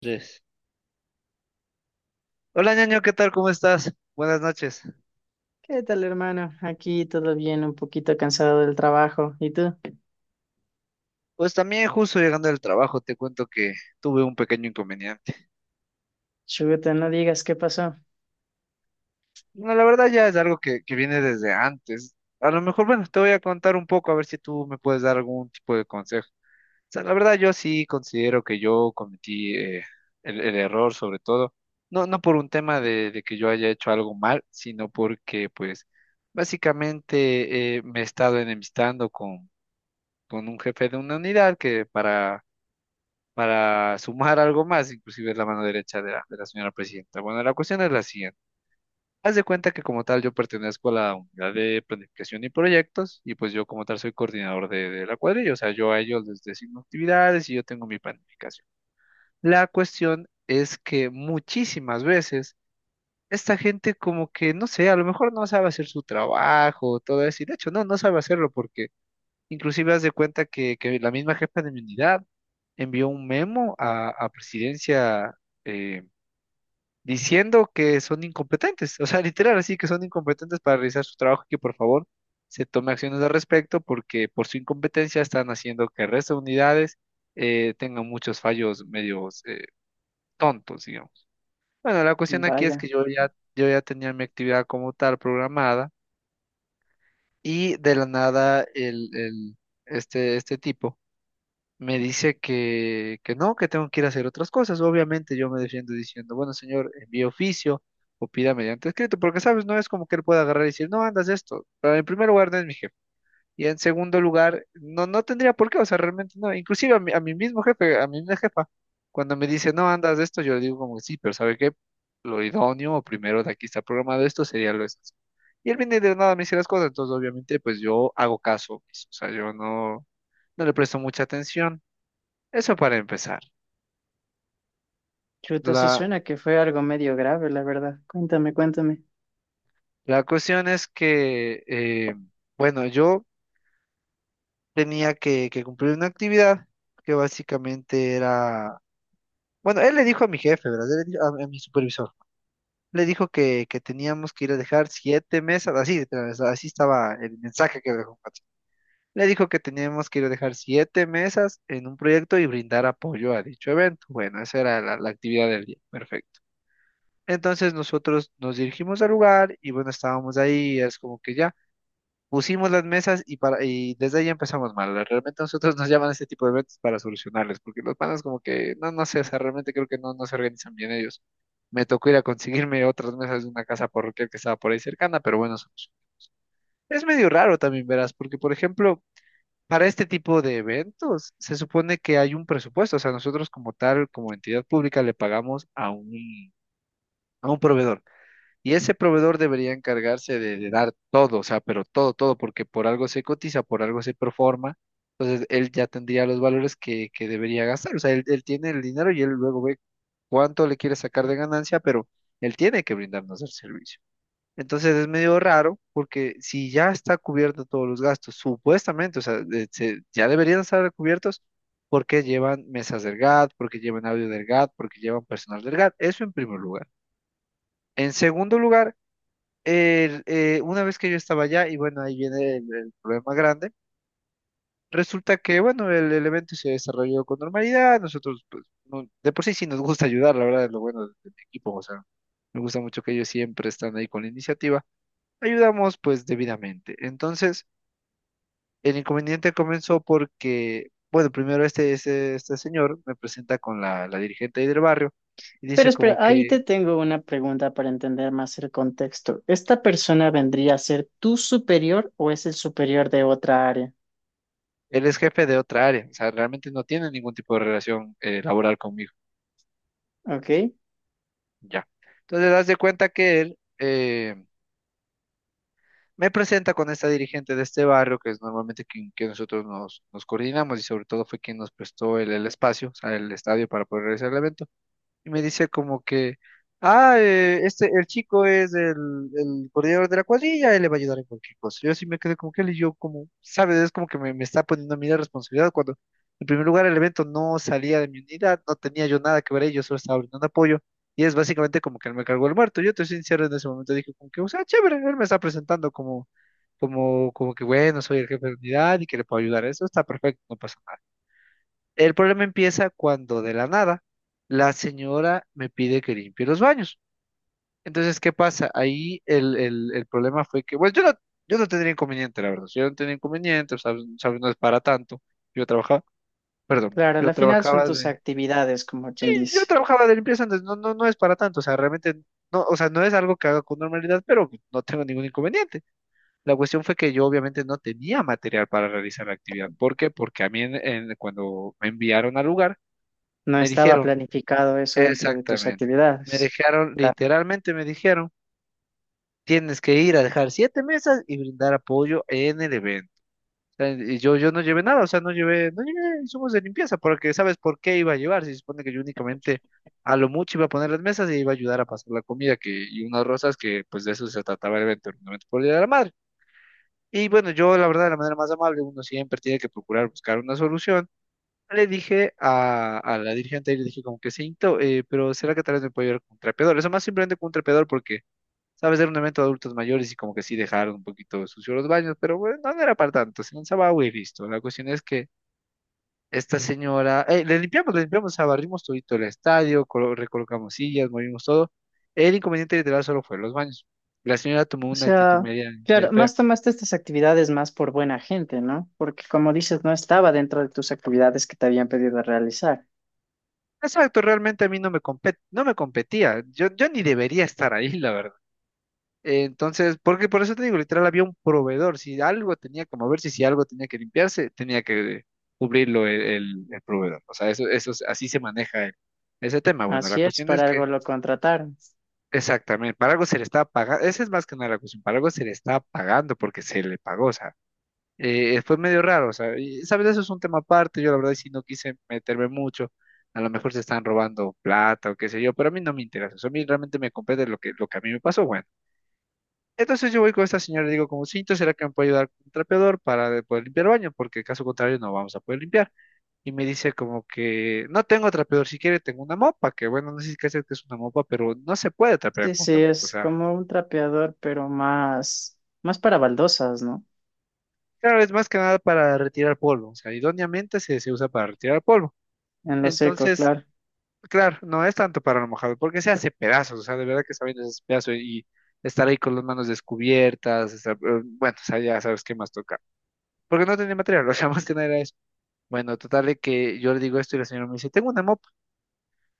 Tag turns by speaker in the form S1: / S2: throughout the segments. S1: Tres. Hola, ñaño, ¿qué tal? ¿Cómo estás? Buenas noches.
S2: ¿Qué tal, hermano? Aquí todo bien, un poquito cansado del trabajo. ¿Y tú?
S1: Pues también justo llegando del trabajo, te cuento que tuve un pequeño inconveniente.
S2: Chuta, no digas qué pasó.
S1: No, la verdad ya es algo que viene desde antes. A lo mejor, bueno, te voy a contar un poco a ver si tú me puedes dar algún tipo de consejo. O sea, la verdad yo sí considero que yo cometí el error sobre todo. No, no por un tema de que yo haya hecho algo mal, sino porque pues básicamente me he estado enemistando con un jefe de una unidad que para sumar algo más, inclusive es la mano derecha de la señora presidenta. Bueno, la cuestión es la siguiente. Haz de cuenta que como tal yo pertenezco a la unidad de planificación y proyectos, y pues yo como tal soy coordinador de la cuadrilla, o sea, yo a ellos les designo actividades y yo tengo mi planificación. La cuestión es que muchísimas veces esta gente como que, no sé, a lo mejor no sabe hacer su trabajo, todo eso, y de hecho no sabe hacerlo porque inclusive haz de cuenta que la misma jefa de mi unidad envió un memo a presidencia eh, diciendo que son incompetentes, o sea, literal, así que son incompetentes para realizar su trabajo y que por favor se tome acciones al respecto porque por su incompetencia están haciendo que el resto de unidades tengan muchos fallos medios tontos, digamos. Bueno, la cuestión aquí es que
S2: Vaya,
S1: yo ya tenía mi actividad como tal programada y de la nada este tipo me dice que no, que tengo que ir a hacer otras cosas. Obviamente yo me defiendo diciendo, bueno, señor, envíe oficio o pida mediante escrito, porque, ¿sabes? No es como que él pueda agarrar y decir, no, andas esto. Pero en primer lugar, no es mi jefe. Y en segundo lugar, no, no tendría por qué, o sea, realmente no. Inclusive a mi mismo jefe, a mi misma jefa, cuando me dice, no, andas esto, yo le digo como, sí, pero ¿sabe qué? Lo idóneo, o primero de aquí está programado esto, sería lo esencial. Y él viene y de nada, me dice las cosas, entonces obviamente pues yo hago caso, pues, o sea, yo no le presto mucha atención. Eso para empezar.
S2: chuta, sí
S1: La,
S2: suena que fue algo medio grave, la verdad. Cuéntame.
S1: la cuestión es que, bueno, yo tenía que cumplir una actividad que básicamente era, bueno, él le dijo a mi jefe, ¿verdad? Él le dijo a mi supervisor, le dijo que teníamos que ir a dejar siete mesas, así, literal, o sea, así estaba el mensaje que me dejó. Le dijo que teníamos que ir a dejar siete mesas en un proyecto y brindar apoyo a dicho evento. Bueno, esa era la actividad del día. Perfecto. Entonces nosotros nos dirigimos al lugar y bueno, estábamos ahí, es como que ya pusimos las mesas y desde ahí empezamos mal. Realmente nosotros nos llaman a este tipo de eventos para solucionarles, porque los panas como que, no, no sé, o sea, realmente creo que no, no se organizan bien ellos. Me tocó ir a conseguirme otras mesas de una casa parroquial que estaba por ahí cercana, pero bueno, es medio raro también, verás, porque por ejemplo, para este tipo de eventos se supone que hay un presupuesto, o sea, nosotros como tal, como entidad pública, le pagamos a un proveedor. Y ese proveedor debería encargarse de dar todo, o sea, pero todo, todo, porque por algo se cotiza, por algo se performa. Entonces, él ya tendría los valores que debería gastar. O sea, él tiene el dinero y él luego ve cuánto le quiere sacar de ganancia, pero él tiene que brindarnos el servicio. Entonces, es medio raro porque si ya está cubierto todos los gastos, supuestamente, o sea, ya deberían estar cubiertos porque llevan mesas del GAT, porque llevan audio del GAT, porque llevan personal del GAT. Eso en primer lugar. En segundo lugar, una vez que yo estaba allá, y bueno, ahí viene el problema grande, resulta que, bueno, el evento se desarrolló con normalidad, nosotros, pues, de por sí sí nos gusta ayudar, la verdad es lo bueno del equipo, o sea, me gusta mucho que ellos siempre están ahí con la iniciativa, ayudamos pues debidamente. Entonces, el inconveniente comenzó porque, bueno, primero este señor me presenta con la dirigente ahí del barrio y
S2: Pero
S1: dice
S2: espera,
S1: como
S2: ahí
S1: que...
S2: te tengo una pregunta para entender más el contexto. ¿Esta persona vendría a ser tu superior o es el superior de otra área?
S1: Él es jefe de otra área, o sea, realmente no tiene ningún tipo de relación laboral conmigo.
S2: ¿Ok?
S1: Ya. Entonces, das de cuenta que él me presenta con esta dirigente de este barrio, que es normalmente quien, que nosotros nos coordinamos y sobre todo fue quien nos prestó el espacio, o sea, el estadio para poder realizar el evento y me dice como que, ah, este, el chico es el coordinador de la cuadrilla, él le va a ayudar en cualquier cosa. Yo así me quedé como que él y yo como, ¿sabes? Es como que me está poniendo a mí la responsabilidad cuando, en primer lugar, el evento no salía de mi unidad, no tenía yo nada que ver ahí, yo solo estaba brindando apoyo. Y es básicamente como que él me cargó el muerto. Yo te soy sincero en ese momento, dije como que, o sea, chévere, él me está presentando como que, bueno, soy el jefe de unidad y que le puedo ayudar. Eso está perfecto, no pasa nada. El problema empieza cuando de la nada la señora me pide que limpie los baños. Entonces, ¿qué pasa? Ahí el problema fue que, bueno, yo no tenía inconveniente, la verdad. Yo no tenía inconveniente, ¿sabes? ¿Sabes? No es para tanto. Yo trabajaba, perdón,
S2: Claro,
S1: yo
S2: al final son
S1: trabajaba
S2: tus
S1: de...
S2: actividades, como
S1: Sí,
S2: quien
S1: yo
S2: dice.
S1: trabajaba de limpieza antes, no, no, no es para tanto. O sea, realmente, no, o sea, no es algo que haga con normalidad, pero no tengo ningún inconveniente. La cuestión fue que yo obviamente no tenía material para realizar la actividad. ¿Por qué? Porque a mí cuando me enviaron al lugar,
S2: No
S1: me
S2: estaba
S1: dijeron.
S2: planificado eso dentro de tus
S1: Exactamente. Me
S2: actividades.
S1: dejaron, literalmente me dijeron, tienes que ir a dejar siete mesas y brindar apoyo en el evento. O sea, y yo no llevé nada, o sea, no llevé, no llevé insumos de limpieza, porque sabes por qué iba a llevar, se supone que yo únicamente a lo mucho iba a poner las mesas y iba a ayudar a pasar la comida que, y unas rosas que pues de eso se trataba el evento, un evento por el Día de la Madre. Y bueno, yo la verdad, de la manera más amable, uno siempre tiene que procurar buscar una solución, le dije a la dirigente y le dije como que siento, pero ¿será que tal vez me puedo llevar con un trapeador? Eso más simplemente con un trapeador porque, sabes, era un evento de adultos mayores y como que sí dejaron un poquito sucios los baños, pero bueno, no era para tanto, se lanzaba agua y listo. La cuestión es que esta señora, le limpiamos, o sea, barrimos todito el estadio, recolocamos sillas, movimos todo. El inconveniente literal solo fue los baños. La señora tomó
S2: O
S1: una actitud
S2: sea,
S1: media, media
S2: claro,
S1: fea.
S2: más tomaste estas actividades más por buena gente, ¿no? Porque como dices, no estaba dentro de tus actividades que te habían pedido realizar.
S1: Exacto, realmente a mí no me competía. Yo ni debería estar ahí, la verdad. Entonces, porque por eso te digo, literal, había un proveedor. Si algo tenía que moverse, si algo tenía que limpiarse, tenía que cubrirlo el proveedor. O sea, eso, así se maneja ese tema. Bueno, la
S2: Así es,
S1: cuestión es
S2: para
S1: que,
S2: algo lo contrataron.
S1: exactamente, para algo se le está pagando, esa es más que nada la cuestión, para algo se le está pagando porque se le pagó, o sea, fue medio raro, o sea, y, sabes, eso es un tema aparte, yo la verdad sí no quise meterme mucho. A lo mejor se están robando plata o qué sé yo, pero a mí no me interesa. Eso a mí realmente me compete lo que a mí me pasó. Bueno. Entonces yo voy con esta señora y digo, como cinto, ¿será que me puede ayudar con un trapeador para poder limpiar el baño? Porque caso contrario no vamos a poder limpiar. Y me dice como que no tengo trapeador, si quiere tengo una mopa, que bueno, no sé si qué hacer que es una mopa, pero no se puede trapear
S2: Sí,
S1: con
S2: sí,
S1: una mopa. O
S2: es
S1: sea,
S2: como un trapeador, pero más para baldosas, ¿no?
S1: claro, es más que nada para retirar polvo. O sea, idóneamente se usa para retirar polvo.
S2: En lo seco,
S1: Entonces,
S2: claro.
S1: claro, no es tanto para lo mojado, porque se hace pedazos. O sea, de verdad que sabiendo ese pedazo y estar ahí con las manos descubiertas, bueno, o sea, ya sabes qué más toca. Porque no tenía material, o sea, más que nada era eso. Bueno, total de que yo le digo esto y la señora me dice, tengo una mopa.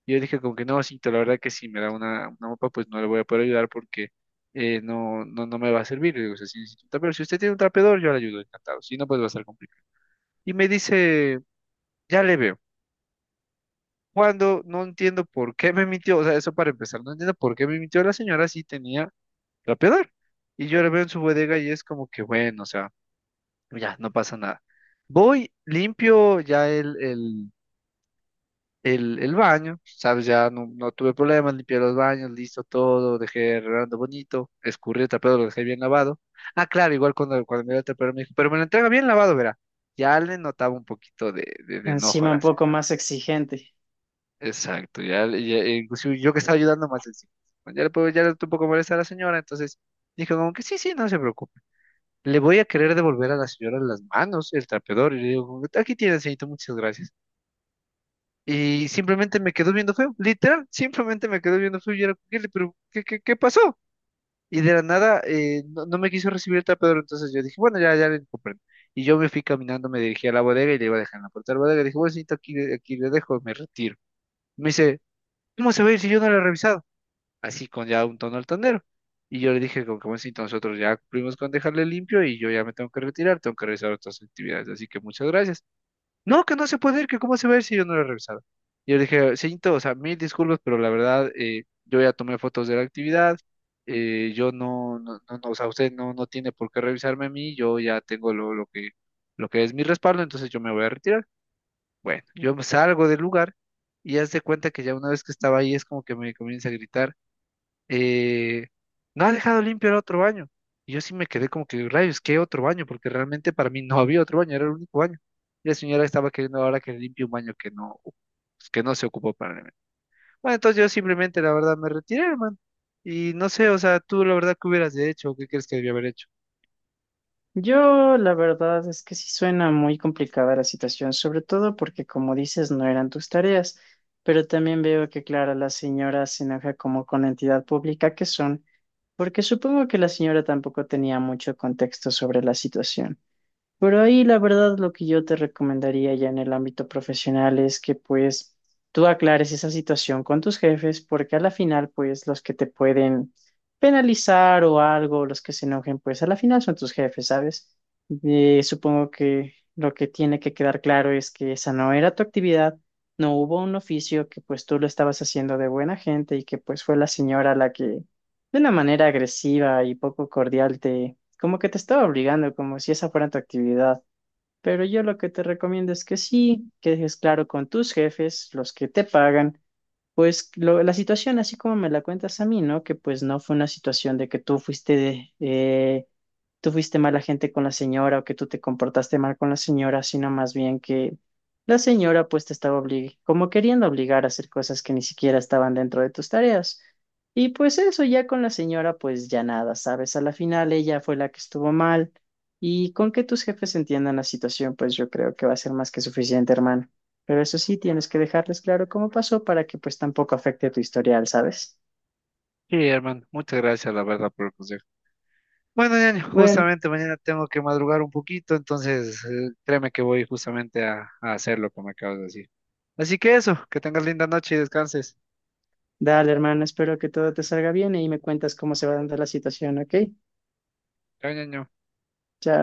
S1: Y yo dije como que no, cito, la verdad que si me da una mopa, pues no le voy a poder ayudar porque no, no me va a servir. Le digo, o sea, si necesito un trapeador, si usted tiene un trapeador, yo le ayudo, encantado. Si no, pues va a ser complicado. Y me dice, ya le veo. Cuando no entiendo por qué me mintió, o sea, eso para empezar, no entiendo por qué me mintió la señora si tenía trapeador. Y yo le veo en su bodega y es como que, bueno, o sea, ya, no pasa nada. Voy, limpio ya el baño, ¿sabes? Ya no, no tuve problemas, limpié los baños, listo todo, dejé arreglando bonito, escurrí el trapeado, lo dejé bien lavado. Ah, claro, igual cuando me dio el trapeador me dijo, pero me lo entrega bien lavado, verá. Ya le notaba un poquito de enojo a
S2: Encima un
S1: la
S2: poco
S1: señora.
S2: más exigente.
S1: Exacto, ya, inclusive yo que estaba ayudando más encima. Ya le puedo, ya le estoy un poco molesta a la señora, entonces dije como que sí, sí, no se preocupe. Le voy a querer devolver a la señora las manos, el trapeador, y le digo, como que, aquí tiene, señorito, muchas gracias. Y simplemente me quedó viendo feo, literal, simplemente me quedó viendo feo y era, "Kelly, pero ¿qué, qué pasó?" Y de la nada no, no me quiso recibir el tapadero, entonces yo dije, bueno, ya, ya le comprendo. Y yo me fui caminando, me dirigí a la bodega y le iba a dejar en la puerta de la bodega. Dije, bueno, señorita, aquí, aquí le dejo, me retiro. Me dice, ¿cómo se va a ir si yo no lo he revisado? Así con ya un tono altanero. Y yo le dije, como que bueno, señorita, nosotros ya cumplimos con dejarle limpio y yo ya me tengo que retirar, tengo que realizar otras actividades. Así que muchas gracias. No, que no se puede ir, que cómo se va a ir si yo no lo he revisado. Y yo le dije, señorito, o sea, mil disculpas, pero la verdad, yo ya tomé fotos de la actividad, yo no, o sea, usted no, no tiene por qué revisarme a mí, yo ya tengo lo que es mi respaldo, entonces yo me voy a retirar. Bueno, yo me salgo del lugar y haz de cuenta que ya una vez que estaba ahí es como que me comienza a gritar, eh, no ha dejado limpio el otro baño. Y yo sí me quedé como que, rayos, ¿qué otro baño? Porque realmente para mí no había otro baño, era el único baño. Y la señora estaba queriendo ahora que limpie un baño que no, pues, que no se ocupó para mí. Bueno, entonces yo simplemente, la verdad, me retiré, hermano. Y no sé, o sea, tú la verdad, ¿qué hubieras hecho? ¿Qué crees que debía haber hecho?
S2: Yo, la verdad es que sí suena muy complicada la situación, sobre todo porque, como dices, no eran tus tareas, pero también veo que, claro, la señora se enoja como con la entidad pública que son, porque supongo que la señora tampoco tenía mucho contexto sobre la situación. Pero ahí la verdad lo que yo te recomendaría ya en el ámbito profesional es que pues tú aclares esa situación con tus jefes porque a la final pues los que te pueden penalizar o algo, los que se enojen pues a la final son tus jefes, ¿sabes? Supongo que lo que tiene que quedar claro es que esa no era tu actividad, no hubo un oficio, que pues tú lo estabas haciendo de buena gente y que pues fue la señora la que de una manera agresiva y poco cordial te como que te estaba obligando, como si esa fuera tu actividad. Pero yo lo que te recomiendo es que sí, que dejes claro con tus jefes, los que te pagan, pues la situación, así como me la cuentas a mí, ¿no? Que pues no fue una situación de que tú fuiste mala gente con la señora o que tú te comportaste mal con la señora, sino más bien que la señora pues te estaba como queriendo obligar a hacer cosas que ni siquiera estaban dentro de tus tareas. Y pues eso ya con la señora pues ya nada, ¿sabes? A la final ella fue la que estuvo mal y con que tus jefes entiendan la situación pues yo creo que va a ser más que suficiente, hermano. Pero eso sí, tienes que dejarles claro cómo pasó para que pues tampoco afecte tu historial, ¿sabes?
S1: Sí, hermano, muchas gracias, la verdad, por el consejo. Bueno, ñaño,
S2: Bueno,
S1: justamente mañana tengo que madrugar un poquito, entonces créeme que voy justamente a hacer lo que me acabas de decir. Así que eso, que tengas linda noche y descanses.
S2: dale, hermano. Espero que todo te salga bien y me cuentas cómo se va dando la situación, ¿ok?
S1: Chao, ñaño.
S2: Chao.